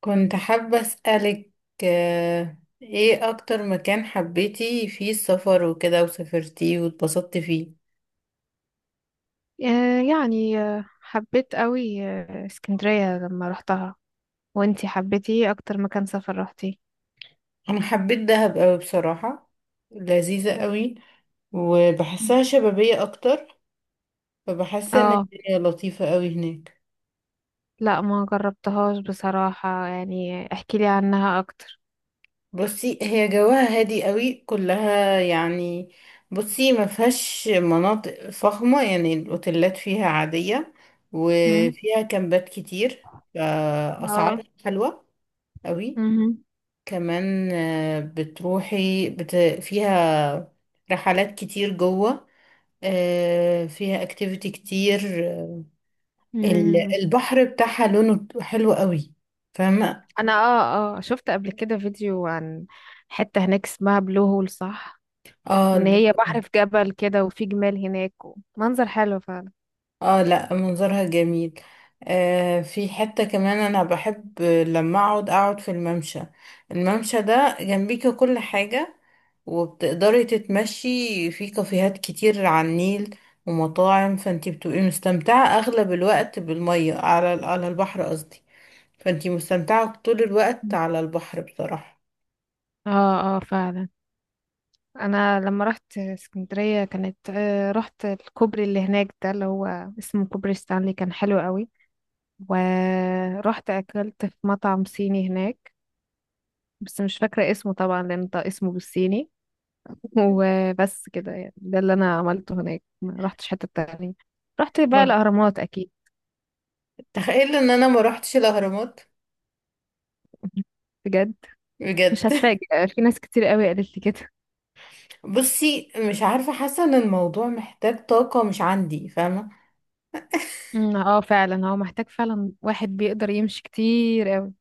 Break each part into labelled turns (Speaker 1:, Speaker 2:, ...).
Speaker 1: كنت حابة أسألك، ايه اكتر مكان حبيتي فيه السفر وكده وسافرتيه واتبسطتي فيه؟
Speaker 2: يعني حبيت قوي اسكندرية لما روحتها. وانتي حبيتي ايه اكتر مكان سفر روحتي؟
Speaker 1: انا حبيت دهب قوي بصراحة. لذيذة قوي، وبحسها
Speaker 2: مم.
Speaker 1: شبابية اكتر. فبحس ان
Speaker 2: اه،
Speaker 1: الدنيا لطيفة قوي هناك.
Speaker 2: لا ما جربتهاش بصراحة. يعني احكيلي عنها اكتر.
Speaker 1: بصي، هي جواها هادي قوي كلها يعني. بصي، ما فيهاش مناطق فخمة، يعني الاوتيلات فيها عادية،
Speaker 2: مم.
Speaker 1: وفيها كامبات كتير.
Speaker 2: اه.
Speaker 1: فأسعارها حلوة قوي.
Speaker 2: مهم.
Speaker 1: كمان بتروحي فيها رحلات كتير جوه. فيها اكتيفيتي كتير.
Speaker 2: مم.
Speaker 1: البحر بتاعها لونه حلو قوي، فاهمة؟
Speaker 2: انا شفت قبل كده فيديو عن حتة هناك اسمها بلو هول، صح؟
Speaker 1: اه،
Speaker 2: وان
Speaker 1: البحر.
Speaker 2: هي بحر في جبل كده، وفي جمال هناك. منظر حلو فعلا.
Speaker 1: اه، لا، منظرها جميل. آه، في حتة كمان انا بحب لما اقعد في الممشى. الممشى ده جنبيك كل حاجة، وبتقدري تتمشي. في كافيهات كتير على النيل ومطاعم، فانتي بتبقي مستمتعة اغلب الوقت بالمية، على البحر قصدي. فانتي مستمتعة طول الوقت على البحر بصراحة.
Speaker 2: اه، اه، فعلا. انا لما رحت اسكندريه كانت آه، رحت الكوبري اللي هناك ده اللي هو اسمه كوبري ستانلي. كان حلو قوي. ورحت اكلت في مطعم صيني هناك. بس مش فاكره اسمه طبعا لان ده اسمه بالصيني. وبس كده، يعني ده اللي انا عملته هناك. ما رحتش حته تانية. رحت بقى
Speaker 1: ما-
Speaker 2: الاهرامات اكيد.
Speaker 1: تخيل ان انا ما روحتش الاهرامات.
Speaker 2: بجد. مش
Speaker 1: بجد
Speaker 2: هتفاجئ، في ناس كتير قوي قالت لي كده.
Speaker 1: بصي، مش عارفة، حاسة ان الموضوع محتاج طاقة مش عندي، فاهمة؟
Speaker 2: اه، فعلا هو محتاج فعلا. واحد بيقدر يمشي كتير قوي.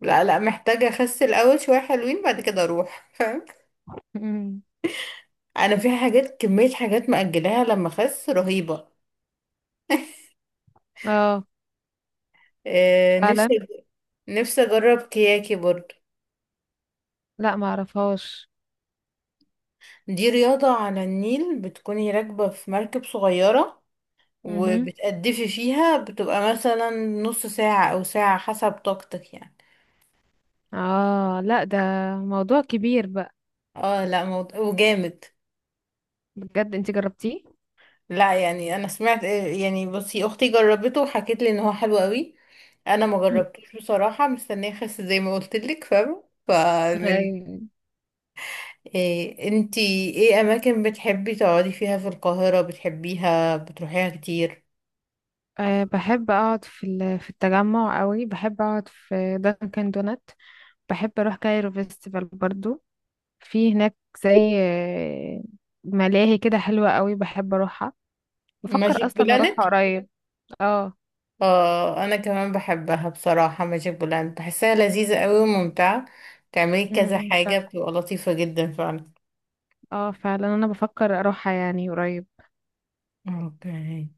Speaker 1: لا لا، محتاجة أخس الأول شوية حلوين بعد كده أروح، فاهم؟
Speaker 2: أمم،
Speaker 1: أنا في حاجات، كمية حاجات مأجلاها لما أخس، رهيبة.
Speaker 2: اه
Speaker 1: آه، نفسي
Speaker 2: فعلا.
Speaker 1: نفسي أجرب كياكي برضه.
Speaker 2: لا ما اعرفهاش.
Speaker 1: دي رياضة على النيل، بتكوني راكبة في مركب صغيرة
Speaker 2: مهم.
Speaker 1: وبتقدفي فيها، بتبقى مثلا نص ساعة أو ساعة حسب طاقتك يعني.
Speaker 2: اه، لا ده موضوع كبير بقى.
Speaker 1: اه لا، موضوع وجامد.
Speaker 2: بجد انت جربتيه؟
Speaker 1: لا يعني، انا سمعت، يعني بصي اختي جربته وحكت لي ان هو حلو قوي. انا ما
Speaker 2: مم.
Speaker 1: جربتوش بصراحه، مستنيه اخس زي ما قلت لك، فاهمه؟ فمن،
Speaker 2: أيوة.
Speaker 1: إيه انتي، ايه اماكن بتحبي تقعدي فيها في القاهره بتحبيها بتروحيها كتير؟
Speaker 2: أه، بحب اقعد في التجمع قوي. بحب اقعد في دانكن دونات. بحب اروح كايرو فيستيفال برضو، في هناك زي ملاهي كده حلوة قوي. بحب اروحها. بفكر
Speaker 1: ماجيك
Speaker 2: اصلا
Speaker 1: بلانت؟
Speaker 2: اروحها قريب. اه.
Speaker 1: اه، انا كمان بحبها بصراحه. ماجيك بلانت بحسها لذيذه قوي وممتعه، تعملي كذا حاجه،
Speaker 2: فعلا.
Speaker 1: بتبقى لطيفه جدا فعلا.
Speaker 2: اه، فعلا انا بفكر اروحها يعني قريب.
Speaker 1: اوكي.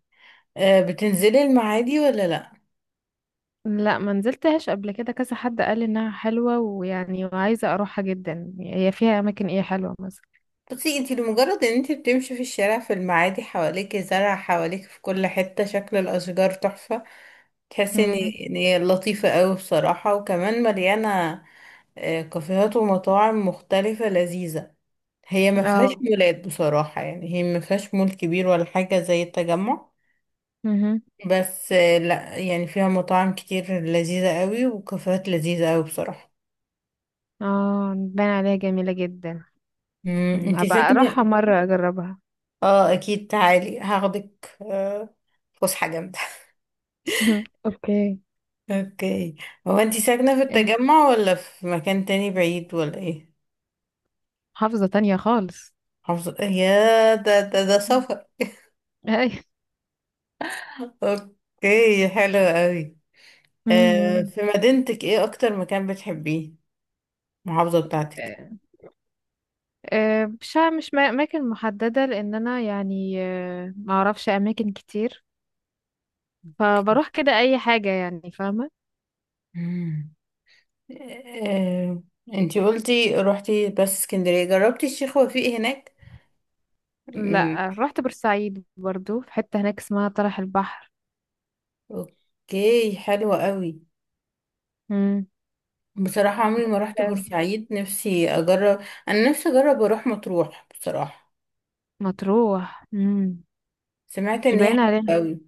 Speaker 1: آه، بتنزلي المعادي ولا لا؟
Speaker 2: لا ما نزلتهاش قبل كده، كذا حد قال لي انها حلوة، ويعني وعايزة اروحها جدا. هي فيها اماكن ايه حلوة مثلا؟
Speaker 1: بصي، انتي لمجرد ان انتي بتمشي في الشارع في المعادي، حواليك زرع، حواليك في كل حتة شكل الاشجار تحفة. تحسي ان،
Speaker 2: امم.
Speaker 1: ان هي لطيفة قوي بصراحة. وكمان مليانة كافيهات ومطاعم مختلفة لذيذة. هي ما فيهاش
Speaker 2: اه.
Speaker 1: مولات بصراحة، يعني هي ما فيهاش مول كبير ولا حاجة زي التجمع.
Speaker 2: امم.
Speaker 1: بس لا يعني، فيها مطاعم كتير لذيذة قوي وكافيهات لذيذة قوي بصراحة.
Speaker 2: اه، باين عليها جميلة جدا.
Speaker 1: مم،
Speaker 2: مم.
Speaker 1: انتي
Speaker 2: ابقى
Speaker 1: ساكنة.
Speaker 2: اروحها مرة اجربها.
Speaker 1: اه اكيد، تعالي هاخدك، فسحة جامدة.
Speaker 2: مم. اوكي.
Speaker 1: اوكي. هو انتي ساكنة في
Speaker 2: انت؟
Speaker 1: التجمع ولا في مكان تاني بعيد ولا ايه؟
Speaker 2: محافظة تانية خالص.
Speaker 1: محافظة؟ يا ده
Speaker 2: مم.
Speaker 1: سفر.
Speaker 2: اي.
Speaker 1: اوكي حلو قوي. آه،
Speaker 2: امم.
Speaker 1: في مدينتك ايه اكتر مكان بتحبيه؟ المحافظة بتاعتك.
Speaker 2: مش ع- مش ما- اماكن محدده لان انا يعني ما اعرفش اماكن كتير. فبروح كده اي حاجه يعني فاهمه.
Speaker 1: مم. آه، انتي قلتي روحتي بس اسكندرية، جربتي الشيخ وفيق هناك؟ من،
Speaker 2: لا رحت بورسعيد برضو، في حتة هناك اسمها طرح البحر.
Speaker 1: اوكي حلو قوي.
Speaker 2: امم.
Speaker 1: بصراحة عمري ما رحت
Speaker 2: جميلة.
Speaker 1: بورسعيد، نفسي اجرب. انا نفسي اجرب اروح مطروح بصراحة.
Speaker 2: مطروح. امم.
Speaker 1: سمعت
Speaker 2: مش
Speaker 1: ان هي
Speaker 2: باين
Speaker 1: حلوة
Speaker 2: عليها.
Speaker 1: قوي.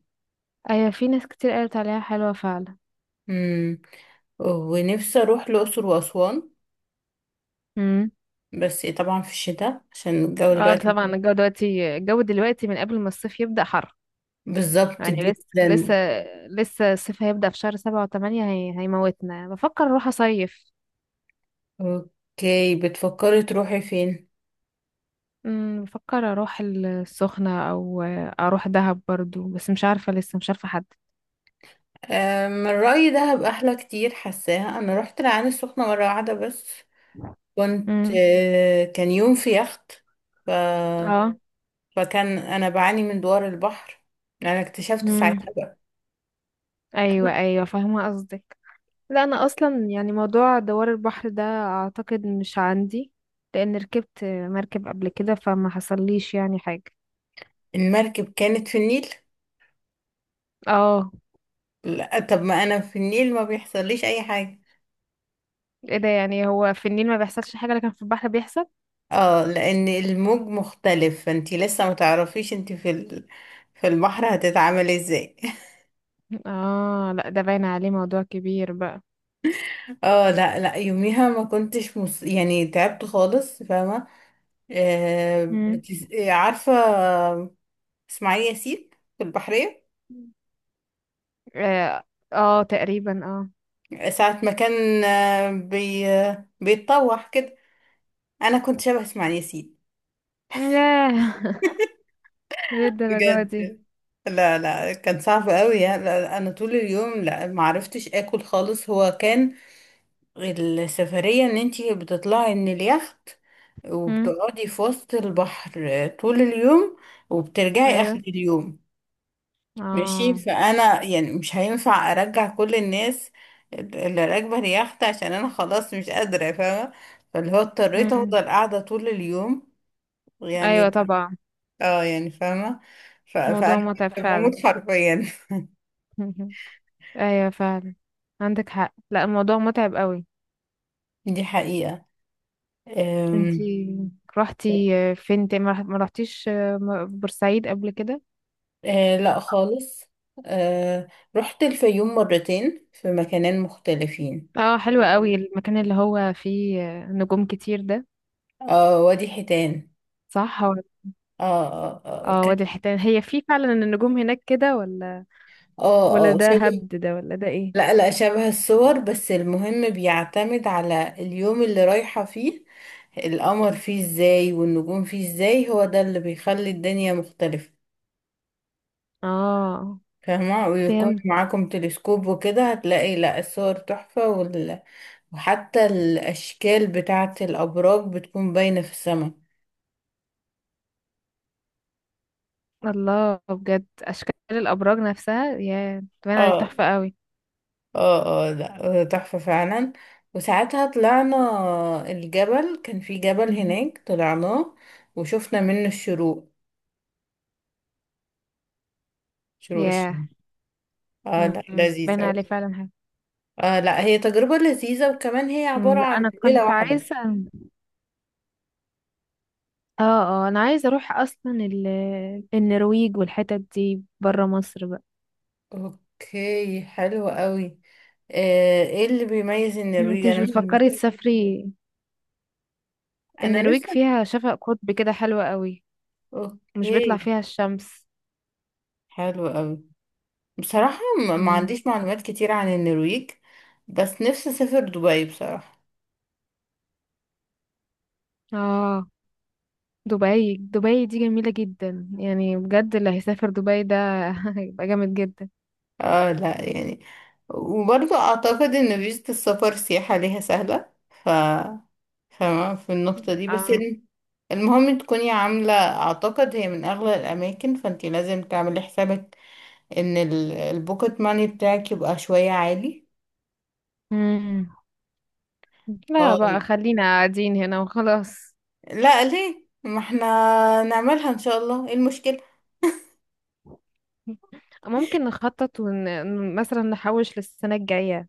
Speaker 2: ايوه في ناس كتير قالت عليها حلوة فعلا.
Speaker 1: امم. ونفسي اروح الاقصر واسوان،
Speaker 2: امم.
Speaker 1: بس طبعا في الشتاء عشان الجو
Speaker 2: اه،
Speaker 1: دلوقتي.
Speaker 2: طبعا. الجو دلوقتي من قبل ما الصيف يبدأ حر.
Speaker 1: بالظبط
Speaker 2: يعني لسه، لسه.
Speaker 1: جدا.
Speaker 2: لسه الصيف هيبدأ في شهر 7 و8. هيموتنا. بفكر اروح اصيف.
Speaker 1: اوكي، بتفكري تروحي فين؟
Speaker 2: بفكر اروح السخنة. او اروح دهب برضو، بس مش عارفة، لسه مش عارفة حد.
Speaker 1: من رأيي دهب احلى كتير، حاساها. انا رحت العين السخنة مرة واحدة بس، كنت
Speaker 2: امم.
Speaker 1: كان يوم في يخت. ف...
Speaker 2: اه.
Speaker 1: فكان انا بعاني من دوار البحر، انا اكتشفت
Speaker 2: امم.
Speaker 1: ساعتها بقى.
Speaker 2: ايوه، ايوه، فاهمه قصدك. لا انا اصلا يعني موضوع دوار البحر ده اعتقد مش عندي. لان ركبت مركب قبل كده، فما حصليش يعني حاجه.
Speaker 1: المركب كانت في النيل.
Speaker 2: اه.
Speaker 1: لا طب، ما انا في النيل ما بيحصليش اي حاجة.
Speaker 2: ايه ده؟ يعني هو في النيل ما بيحصلش حاجه لكن في البحر بيحصل.
Speaker 1: اه، لان الموج مختلف، فانتي لسه متعرفيش انتي في البحر هتتعاملي ازاي.
Speaker 2: اه، لا ده باين عليه موضوع كبير بقى.
Speaker 1: اه لا لا، يوميها ما كنتش يعني تعبت خالص، فاهمة؟ آه
Speaker 2: امم.
Speaker 1: بتس... آه، عارفة اسماعيل ياسين في البحرية؟
Speaker 2: اه. تقريبا. اه.
Speaker 1: ساعة ما كان آه، بي... آه، بيتطوح كده، انا كنت شبه اسماعيل ياسين.
Speaker 2: ياه. للدرجه دي؟
Speaker 1: بجد. لا لا، كان صعب قوي يعني. لا، لا، انا طول اليوم، لا ما عرفتش اكل خالص. هو كان السفرية ان انتي بتطلعي من اليخت
Speaker 2: امم.
Speaker 1: وبتقعدي في وسط البحر طول اليوم، وبترجعي
Speaker 2: ايوه.
Speaker 1: اخر اليوم. ماشي،
Speaker 2: اه.
Speaker 1: فانا يعني مش هينفع ارجع كل الناس اللي راكبة اليخت عشان انا خلاص مش قادرة، فاهمة؟ فاللي هو اضطريت
Speaker 2: امم.
Speaker 1: افضل قاعدة طول اليوم، يعني
Speaker 2: ايوه
Speaker 1: لا.
Speaker 2: طبعا.
Speaker 1: اه يعني، فاهمة.
Speaker 2: موضوع
Speaker 1: فانا
Speaker 2: متعب
Speaker 1: كنت
Speaker 2: فعلا.
Speaker 1: بموت حرفيا.
Speaker 2: ايوه فعلا. عندك حق. لا الموضوع متعب قوي.
Speaker 1: دي حقيقة. أم،
Speaker 2: انتي رحتي فين تاني؟ ما رحتيش بورسعيد قبل كده؟
Speaker 1: آه لا خالص. آه، رحت الفيوم مرتين في مكانين مختلفين.
Speaker 2: اه، حلو قوي المكان اللي هو فيه نجوم كتير ده.
Speaker 1: اه، وادي حيتان.
Speaker 2: صح هو.
Speaker 1: اه اه. اه،
Speaker 2: اه وادي الحيتان، هي فيه فعلا النجوم هناك كده، ولا؟ ولا ده
Speaker 1: شبه.
Speaker 2: هبد ده، ولا ده ايه؟
Speaker 1: لا لا، شبه الصور. بس المهم بيعتمد على اليوم اللي رايحة فيه، القمر فيه ازاي والنجوم فيه ازاي، هو ده اللي بيخلي الدنيا مختلفة،
Speaker 2: اه.
Speaker 1: فاهمة؟ ويكون
Speaker 2: فهمت.
Speaker 1: معاكم تلسكوب وكده، هتلاقي لا الصور تحفة وحتى الأشكال بتاعة الأبراج بتكون باينة في السماء.
Speaker 2: الله، بجد اشكال الابراج نفسها، يا باين عليه
Speaker 1: اه
Speaker 2: تحفة قوي.
Speaker 1: اه. اه لا، تحفة فعلا. وساعتها طلعنا الجبل، كان في جبل
Speaker 2: مم.
Speaker 1: هناك طلعناه، وشفنا منه الشروق، شروق
Speaker 2: يا.
Speaker 1: الشمس. اه لا،
Speaker 2: مم.
Speaker 1: لذيذ
Speaker 2: باين
Speaker 1: اوي.
Speaker 2: عليه فعلا حاجة.
Speaker 1: اه لا، هي تجربة لذيذة، وكمان هي
Speaker 2: مم،
Speaker 1: عبارة
Speaker 2: لا
Speaker 1: عن
Speaker 2: انا
Speaker 1: ليلة
Speaker 2: كنت
Speaker 1: واحدة.
Speaker 2: عايزة. اه. اه انا عايزه اروح اصلا النرويج والحتت دي بره مصر بقى.
Speaker 1: اوكي حلو قوي. ايه اللي بيميز النرويج؟
Speaker 2: انت مش
Speaker 1: انا ما
Speaker 2: بتفكري
Speaker 1: شفت.
Speaker 2: تسافري؟
Speaker 1: انا نفسي.
Speaker 2: النرويج فيها شفق قطب كده حلوة قوي. مش بيطلع
Speaker 1: اوكي
Speaker 2: فيها الشمس.
Speaker 1: حلو قوي بصراحة. ما
Speaker 2: مم.
Speaker 1: عنديش معلومات كتير عن النرويج، بس نفسي اسافر دبي بصراحة.
Speaker 2: اه. دبي، دبي دي جميلة جدا، يعني بجد اللي هيسافر دبي ده هيبقى جامد جدا.
Speaker 1: اه لا يعني، وبرضه اعتقد ان فيزة السفر سياحة ليها سهلة، ف فاهمة في النقطة دي. بس
Speaker 2: اه.
Speaker 1: المهم تكوني عاملة، اعتقد هي من اغلى الاماكن، فانتي لازم تعملي حسابك ان البوكت ماني بتاعك يبقى شوية عالي.
Speaker 2: مم. لا بقى
Speaker 1: اه
Speaker 2: خلينا قاعدين هنا وخلاص.
Speaker 1: لا ليه، ما احنا نعملها ان شاء الله، ايه المشكلة؟
Speaker 2: ممكن نخطط مثلا نحوش للسنة الجاية.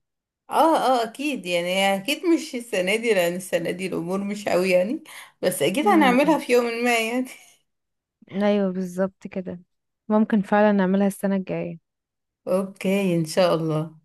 Speaker 1: اه اه اكيد يعني، اكيد مش السنة دي، لان السنة دي الامور مش قوي يعني، بس اكيد هنعملها
Speaker 2: مم.
Speaker 1: في يوم ما يعني.
Speaker 2: ايوه بالظبط كده. ممكن فعلا نعملها السنة الجاية
Speaker 1: اوكي ان شاء الله.